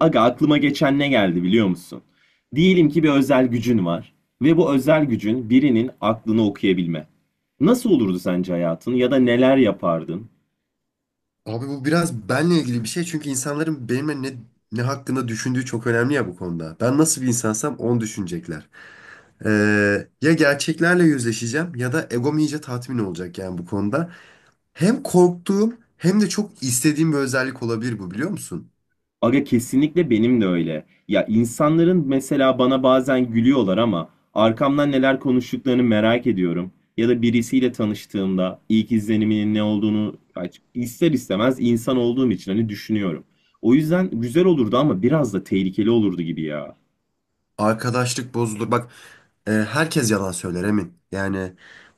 Aga aklıma geçen ne geldi biliyor musun? Diyelim ki bir özel gücün var ve bu özel gücün birinin aklını okuyabilme. Nasıl olurdu sence hayatın ya da neler yapardın? Abi bu biraz benle ilgili bir şey çünkü insanların benimle ne hakkında düşündüğü çok önemli ya bu konuda. Ben nasıl bir insansam onu düşünecekler. Ya gerçeklerle yüzleşeceğim ya da egom iyice tatmin olacak yani bu konuda. Hem korktuğum hem de çok istediğim bir özellik olabilir bu, biliyor musun? Aga kesinlikle benim de öyle. Ya insanların mesela bana bazen gülüyorlar ama arkamdan neler konuştuklarını merak ediyorum. Ya da birisiyle tanıştığımda ilk izleniminin ne olduğunu ya ister istemez insan olduğum için hani düşünüyorum. O yüzden güzel olurdu ama biraz da tehlikeli olurdu gibi ya. Arkadaşlık bozulur. Bak, herkes yalan söyler, emin. Yani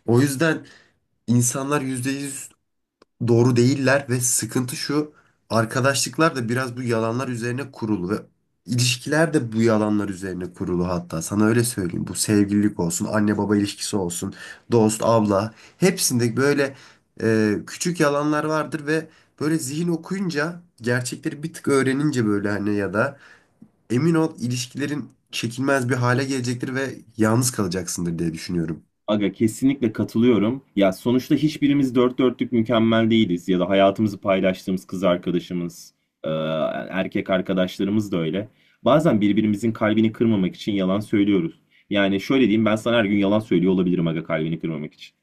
o yüzden insanlar %100 doğru değiller ve sıkıntı şu: arkadaşlıklar da biraz bu yalanlar üzerine kurulu ve ilişkiler de bu yalanlar üzerine kurulu. Hatta sana öyle söyleyeyim, bu sevgililik olsun, anne baba ilişkisi olsun, dost abla, hepsinde böyle küçük yalanlar vardır ve böyle zihin okuyunca, gerçekleri bir tık öğrenince böyle hani, ya da emin ol, ilişkilerin çekilmez bir hale gelecektir ve yalnız kalacaksındır diye düşünüyorum. Aga kesinlikle katılıyorum. Ya sonuçta hiçbirimiz dört dörtlük mükemmel değiliz ya da hayatımızı paylaştığımız kız arkadaşımız, e, erkek arkadaşlarımız da öyle. Bazen birbirimizin kalbini kırmamak için yalan söylüyoruz. Yani şöyle diyeyim ben sana her gün yalan söylüyor olabilirim aga kalbini kırmamak için.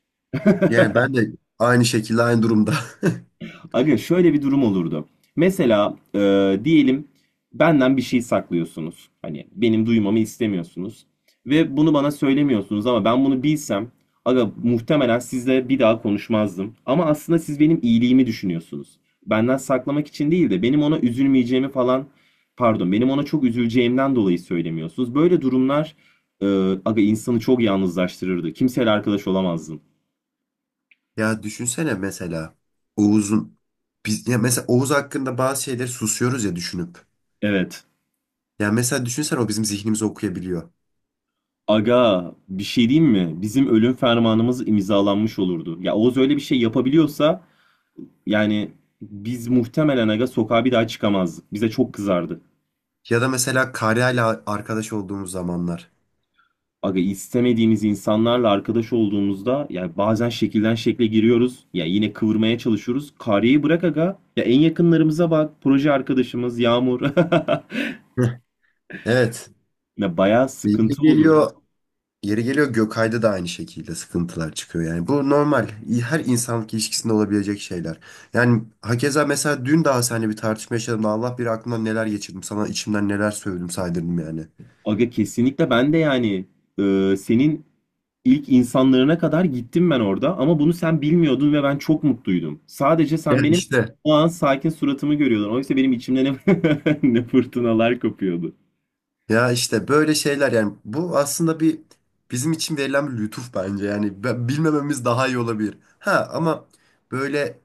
Yani ben de aynı şekilde, aynı durumda. Aga şöyle bir durum olurdu. Mesela diyelim benden bir şey saklıyorsunuz. Hani benim duymamı istemiyorsunuz. Ve bunu bana söylemiyorsunuz ama ben bunu bilsem aga muhtemelen sizle bir daha konuşmazdım. Ama aslında siz benim iyiliğimi düşünüyorsunuz. Benden saklamak için değil de benim ona üzülmeyeceğimi falan pardon benim ona çok üzüleceğimden dolayı söylemiyorsunuz. Böyle durumlar e, aga insanı çok yalnızlaştırırdı. Kimseyle arkadaş olamazdın. Ya düşünsene, mesela Oğuz'un biz, ya mesela Oğuz hakkında bazı şeyleri susuyoruz ya, düşünüp. Evet. Ya mesela düşünsene, o bizim zihnimizi okuyabiliyor. Aga bir şey diyeyim mi? Bizim ölüm fermanımız imzalanmış olurdu. Ya Oğuz öyle bir şey yapabiliyorsa yani biz muhtemelen aga sokağa bir daha çıkamazdık. Bize çok kızardı. Ya da mesela Karya'yla arkadaş olduğumuz zamanlar. Aga istemediğimiz insanlarla arkadaş olduğumuzda yani bazen şekilden şekle giriyoruz. Ya yine kıvırmaya çalışıyoruz. Karyayı bırak aga. Ya en yakınlarımıza bak. Proje arkadaşımız Yağmur. Heh. Evet. Ya bayağı Yeri sıkıntı olurdu. geliyor, yeri geliyor Gökay'da da aynı şekilde sıkıntılar çıkıyor. Yani bu normal. Her insanlık ilişkisinde olabilecek şeyler. Yani hakeza, mesela dün daha seninle bir tartışma yaşadım da Allah bilir aklımdan neler geçirdim. Sana içimden neler söyledim, saydırdım yani. Aga kesinlikle ben de yani senin İlk insanlarına kadar gittim ben orada ama bunu sen bilmiyordun ve ben çok mutluydum. Sadece Ya sen benim işte. o an sakin suratımı görüyordun. Oysa benim içimde ne fırtınalar kopuyordu. Ya işte böyle şeyler yani, bu aslında bizim için verilen bir lütuf bence. Yani bilmememiz daha iyi olabilir. Ha, ama böyle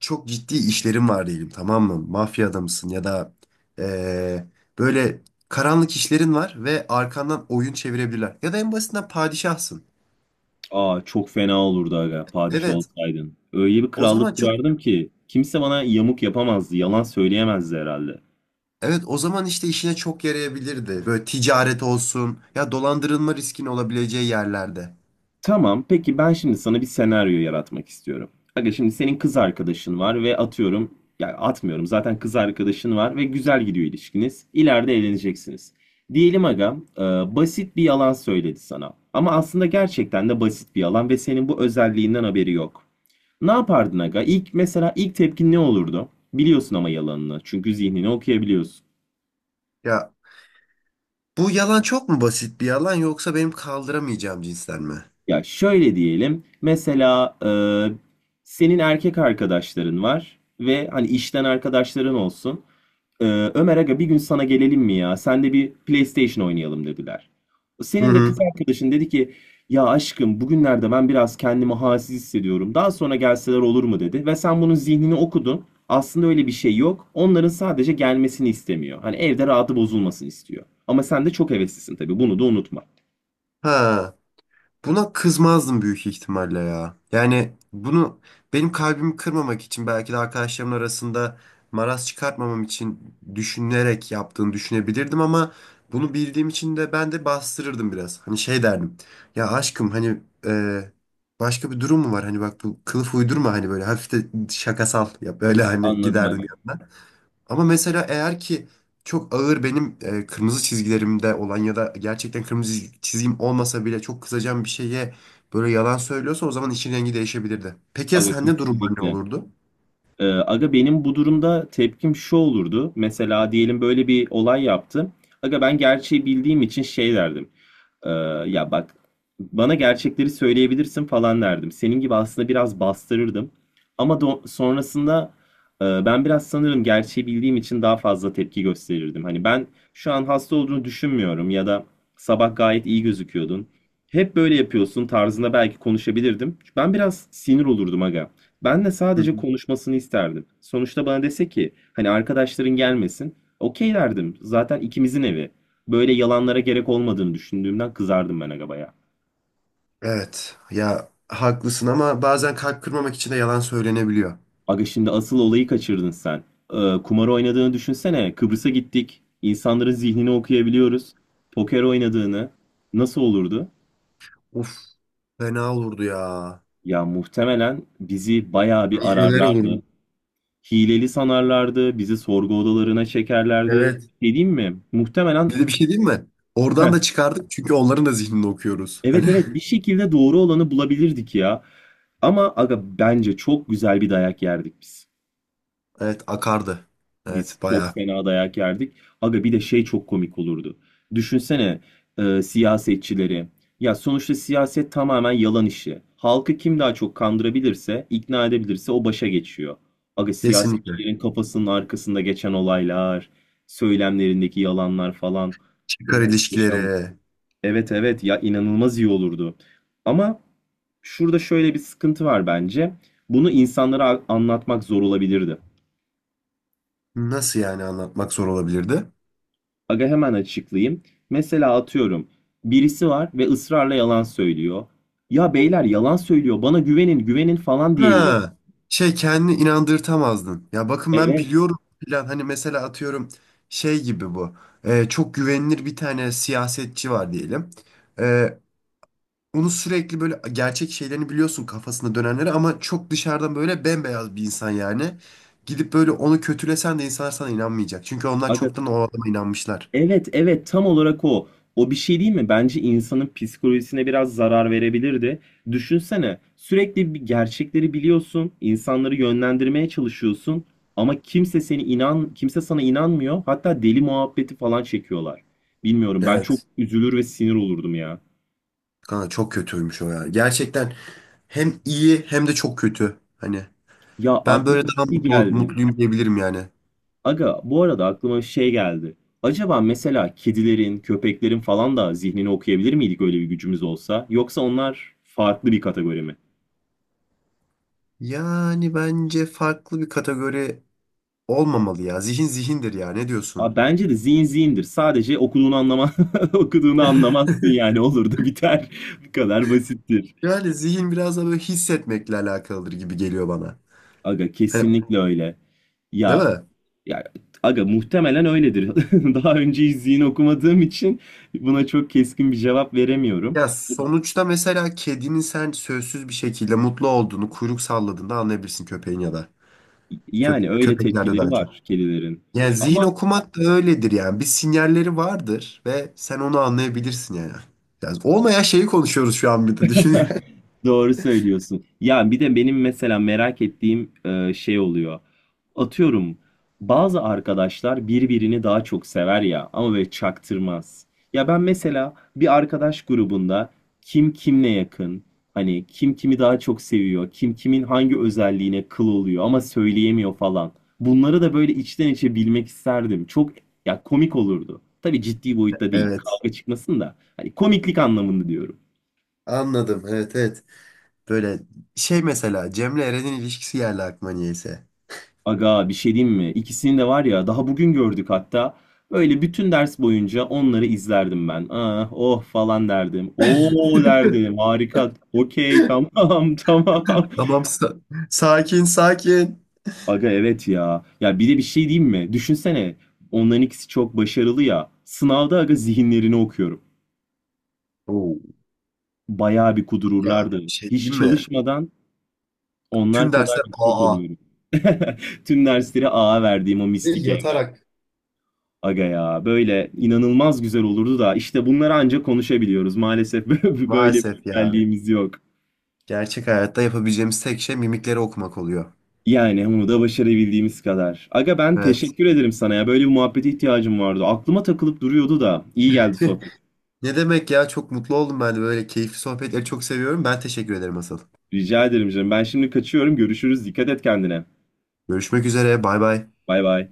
çok ciddi işlerim var diyelim, tamam mı? Mafya adamısın ya da eee, böyle karanlık işlerin var ve arkandan oyun çevirebilirler. Ya da en basitinden padişahsın. Aa çok fena olurdu aga padişah Evet olsaydın. Öyle bir o zaman krallık çok kurardım ki kimse bana yamuk yapamazdı, yalan söyleyemezdi herhalde. evet, o zaman işte işine çok yarayabilirdi. Böyle ticaret olsun ya dolandırılma riskin olabileceği yerlerde. Tamam, peki ben şimdi sana bir senaryo yaratmak istiyorum. Aga şimdi senin kız arkadaşın var ve atıyorum, ya atmıyorum zaten kız arkadaşın var ve güzel gidiyor ilişkiniz. İleride evleneceksiniz. Diyelim aga, basit bir yalan söyledi sana. Ama aslında gerçekten de basit bir yalan ve senin bu özelliğinden haberi yok. Ne yapardın aga? İlk mesela ilk tepkin ne olurdu? Biliyorsun ama yalanını. Çünkü zihnini okuyabiliyorsun. Ya, bu yalan çok mu basit bir yalan, yoksa benim kaldıramayacağım cinsten mi? Ya şöyle diyelim. Mesela senin erkek arkadaşların var ve hani işten arkadaşların olsun. E, Ömer aga bir gün sana gelelim mi ya? Sen de bir PlayStation oynayalım dediler. Hı Senin de kız hı. arkadaşın dedi ki ya aşkım bugünlerde ben biraz kendimi halsiz hissediyorum. Daha sonra gelseler olur mu dedi ve sen bunun zihnini okudun. Aslında öyle bir şey yok. Onların sadece gelmesini istemiyor. Hani evde rahatı bozulmasın istiyor. Ama sen de çok heveslisin tabii. Bunu da unutma. Ha, buna kızmazdım büyük ihtimalle ya. Yani bunu benim kalbimi kırmamak için, belki de arkadaşlarımın arasında maraz çıkartmamam için düşünerek yaptığını düşünebilirdim ama bunu bildiğim için de ben de bastırırdım biraz. Hani şey derdim. Ya aşkım, hani başka bir durum mu var? Hani bak, bu kılıf uydurma, hani böyle hafif de şakasal yap. Böyle hani Anladım giderdim aga. yanına. Ama mesela eğer ki çok ağır, benim kırmızı çizgilerimde olan ya da gerçekten kırmızı çizgim olmasa bile çok kızacağım bir şeye böyle yalan söylüyorsa, o zaman işin rengi değişebilirdi. Peki ya Aga sende durumlar ne kesinlikle. olurdu? Aga benim bu durumda tepkim şu olurdu. Mesela diyelim böyle bir olay yaptı. Aga ben gerçeği bildiğim için şey derdim. Ee, ya bak bana gerçekleri söyleyebilirsin falan derdim. Senin gibi aslında biraz bastırırdım. Ama sonrasında ben biraz sanırım gerçeği bildiğim için daha fazla tepki gösterirdim. Hani ben şu an hasta olduğunu düşünmüyorum ya da sabah gayet iyi gözüküyordun. Hep böyle yapıyorsun tarzında belki konuşabilirdim. Ben biraz sinir olurdum aga. Ben de Hı sadece hı. konuşmasını isterdim. Sonuçta bana dese ki hani arkadaşların gelmesin. Okey derdim. Zaten ikimizin evi. Böyle yalanlara gerek olmadığını düşündüğümden kızardım ben aga baya. Evet ya, haklısın ama bazen kalp kırmamak için de yalan söylenebiliyor. Aga şimdi asıl olayı kaçırdın sen. Kumar oynadığını düşünsene. Kıbrıs'a gittik. İnsanların zihnini okuyabiliyoruz. Poker oynadığını. Nasıl olurdu? Uf, fena olurdu ya. Ya muhtemelen bizi bayağı bir Milyoner ararlardı. olurdum. Hileli sanarlardı. Bizi sorgu odalarına çekerlerdi. Evet. Ne diyeyim mi? Muhtemelen Bir de bir şey diyeyim mi? Oradan da çıkardık çünkü onların da zihnini okuyoruz. Hani. evet evet bir şekilde doğru olanı bulabilirdik ya. Ama aga bence çok güzel bir dayak yerdik biz. Evet, akardı. Biz Evet, çok bayağı. fena dayak yerdik. Aga bir de şey çok komik olurdu. Düşünsene siyasetçileri. Ya sonuçta siyaset tamamen yalan işi. Halkı kim daha çok kandırabilirse, ikna edebilirse o başa geçiyor. Aga Kesinlikle. siyasetçilerin kafasının arkasında geçen olaylar, söylemlerindeki yalanlar falan Çıkar muhteşem. ilişkileri. Evet evet ya inanılmaz iyi olurdu. Ama şurada şöyle bir sıkıntı var bence. Bunu insanlara anlatmak zor olabilirdi. Nasıl yani, anlatmak zor olabilirdi? Aga hemen açıklayayım. Mesela atıyorum. Birisi var ve ısrarla yalan söylüyor. Ya beyler yalan söylüyor. Bana güvenin, güvenin falan diyebilir. Ha, şey, kendini inandırtamazdın. Ya bakın, ben Evet. biliyorum falan, hani mesela atıyorum şey gibi bu. Çok güvenilir bir tane siyasetçi var diyelim. Ee, onu sürekli böyle gerçek şeylerini biliyorsun, kafasında dönenleri, ama çok dışarıdan böyle bembeyaz bir insan yani. Gidip böyle onu kötülesen de insanlar sana inanmayacak. Çünkü onlar Aga çoktan o adama inanmışlar. evet evet tam olarak o. O bir şey değil mi? Bence insanın psikolojisine biraz zarar verebilirdi. Düşünsene sürekli bir gerçekleri biliyorsun, insanları yönlendirmeye çalışıyorsun ama kimse sana inanmıyor. Hatta deli muhabbeti falan çekiyorlar. Bilmiyorum ben çok Evet. üzülür ve sinir olurdum ya. Kanka çok kötüymüş o ya. Gerçekten hem iyi hem de çok kötü. Hani. Ya Ben böyle aklıma bir daha şey mutlu geldi. mutluyum diyebilirim yani. Aga bu arada aklıma bir şey geldi. Acaba mesela kedilerin, köpeklerin falan da zihnini okuyabilir miydik öyle bir gücümüz olsa? Yoksa onlar farklı bir kategori mi? Yani bence farklı bir kategori olmamalı ya. Zihin zihindir ya. Ne Abi diyorsun? bence de zihin zihindir. Sadece okuduğunu anlama okuduğunu anlamazsın yani olur da biter. Bu kadar basittir. Yani zihin biraz da böyle hissetmekle alakalıdır gibi geliyor bana. Aga Hani, kesinlikle öyle. değil Ya mi? ya aga muhtemelen öyledir. Daha önce hiç zihin okumadığım için buna çok keskin bir cevap veremiyorum. Ya sonuçta mesela kedinin sen sözsüz bir şekilde mutlu olduğunu kuyruk salladığında anlayabilirsin, köpeğin ya da Yani köp öyle köpeklerde tepkileri daha çok. var kedilerin. Yani zihin Ama okumak da öyledir yani. Bir sinyalleri vardır ve sen onu anlayabilirsin yani. Yani olmayan şeyi konuşuyoruz şu an, bir de düşün yani. doğru söylüyorsun. Ya bir de benim mesela merak ettiğim şey oluyor. Atıyorum bazı arkadaşlar birbirini daha çok sever ya ama böyle çaktırmaz. Ya ben mesela bir arkadaş grubunda kim kimle yakın, hani kim kimi daha çok seviyor, kim kimin hangi özelliğine kıl oluyor ama söyleyemiyor falan. Bunları da böyle içten içe bilmek isterdim. Çok ya komik olurdu. Tabii ciddi boyutta değil. Evet. Kavga çıkmasın da. Hani komiklik anlamında diyorum. Anladım. Evet, evet. Böyle şey, mesela Cem'le Eren'in ilişkisi geldi aklıma niyeyse. Aga bir şey diyeyim mi? İkisini de var ya daha bugün gördük hatta. Böyle bütün ders boyunca onları izlerdim ben. Ah, oh falan derdim. Oo derdim. Harika. Okey tamam tamam. Tamam, sakin sakin. Aga evet ya. Ya bir de bir şey diyeyim mi? Düşünsene. Onların ikisi çok başarılı ya. Sınavda aga zihinlerini okuyorum. Oo. Bayağı bir Ya bir kudururlardı. şey Hiç diyeyim mi? çalışmadan onlar Tüm kadar dersler, yüksek aa. alıyorum. Tüm dersleri A'a verdiğim o Ve mistik yatarak. aga ya böyle inanılmaz güzel olurdu da işte bunları ancak konuşabiliyoruz. Maalesef böyle bir Maalesef ya. özelliğimiz yok. Gerçek hayatta yapabileceğimiz tek şey mimikleri okumak oluyor. Yani bunu da başarabildiğimiz kadar. Aga ben Evet. teşekkür ederim sana ya. Böyle bir muhabbete ihtiyacım vardı. Aklıma takılıp duruyordu da. İyi geldi sohbet. Ne demek ya, çok mutlu oldum, ben de böyle keyifli sohbetleri çok seviyorum. Ben teşekkür ederim asıl. Rica ederim canım. Ben şimdi kaçıyorum. Görüşürüz. Dikkat et kendine. Görüşmek üzere. Bay bay. Bay bay.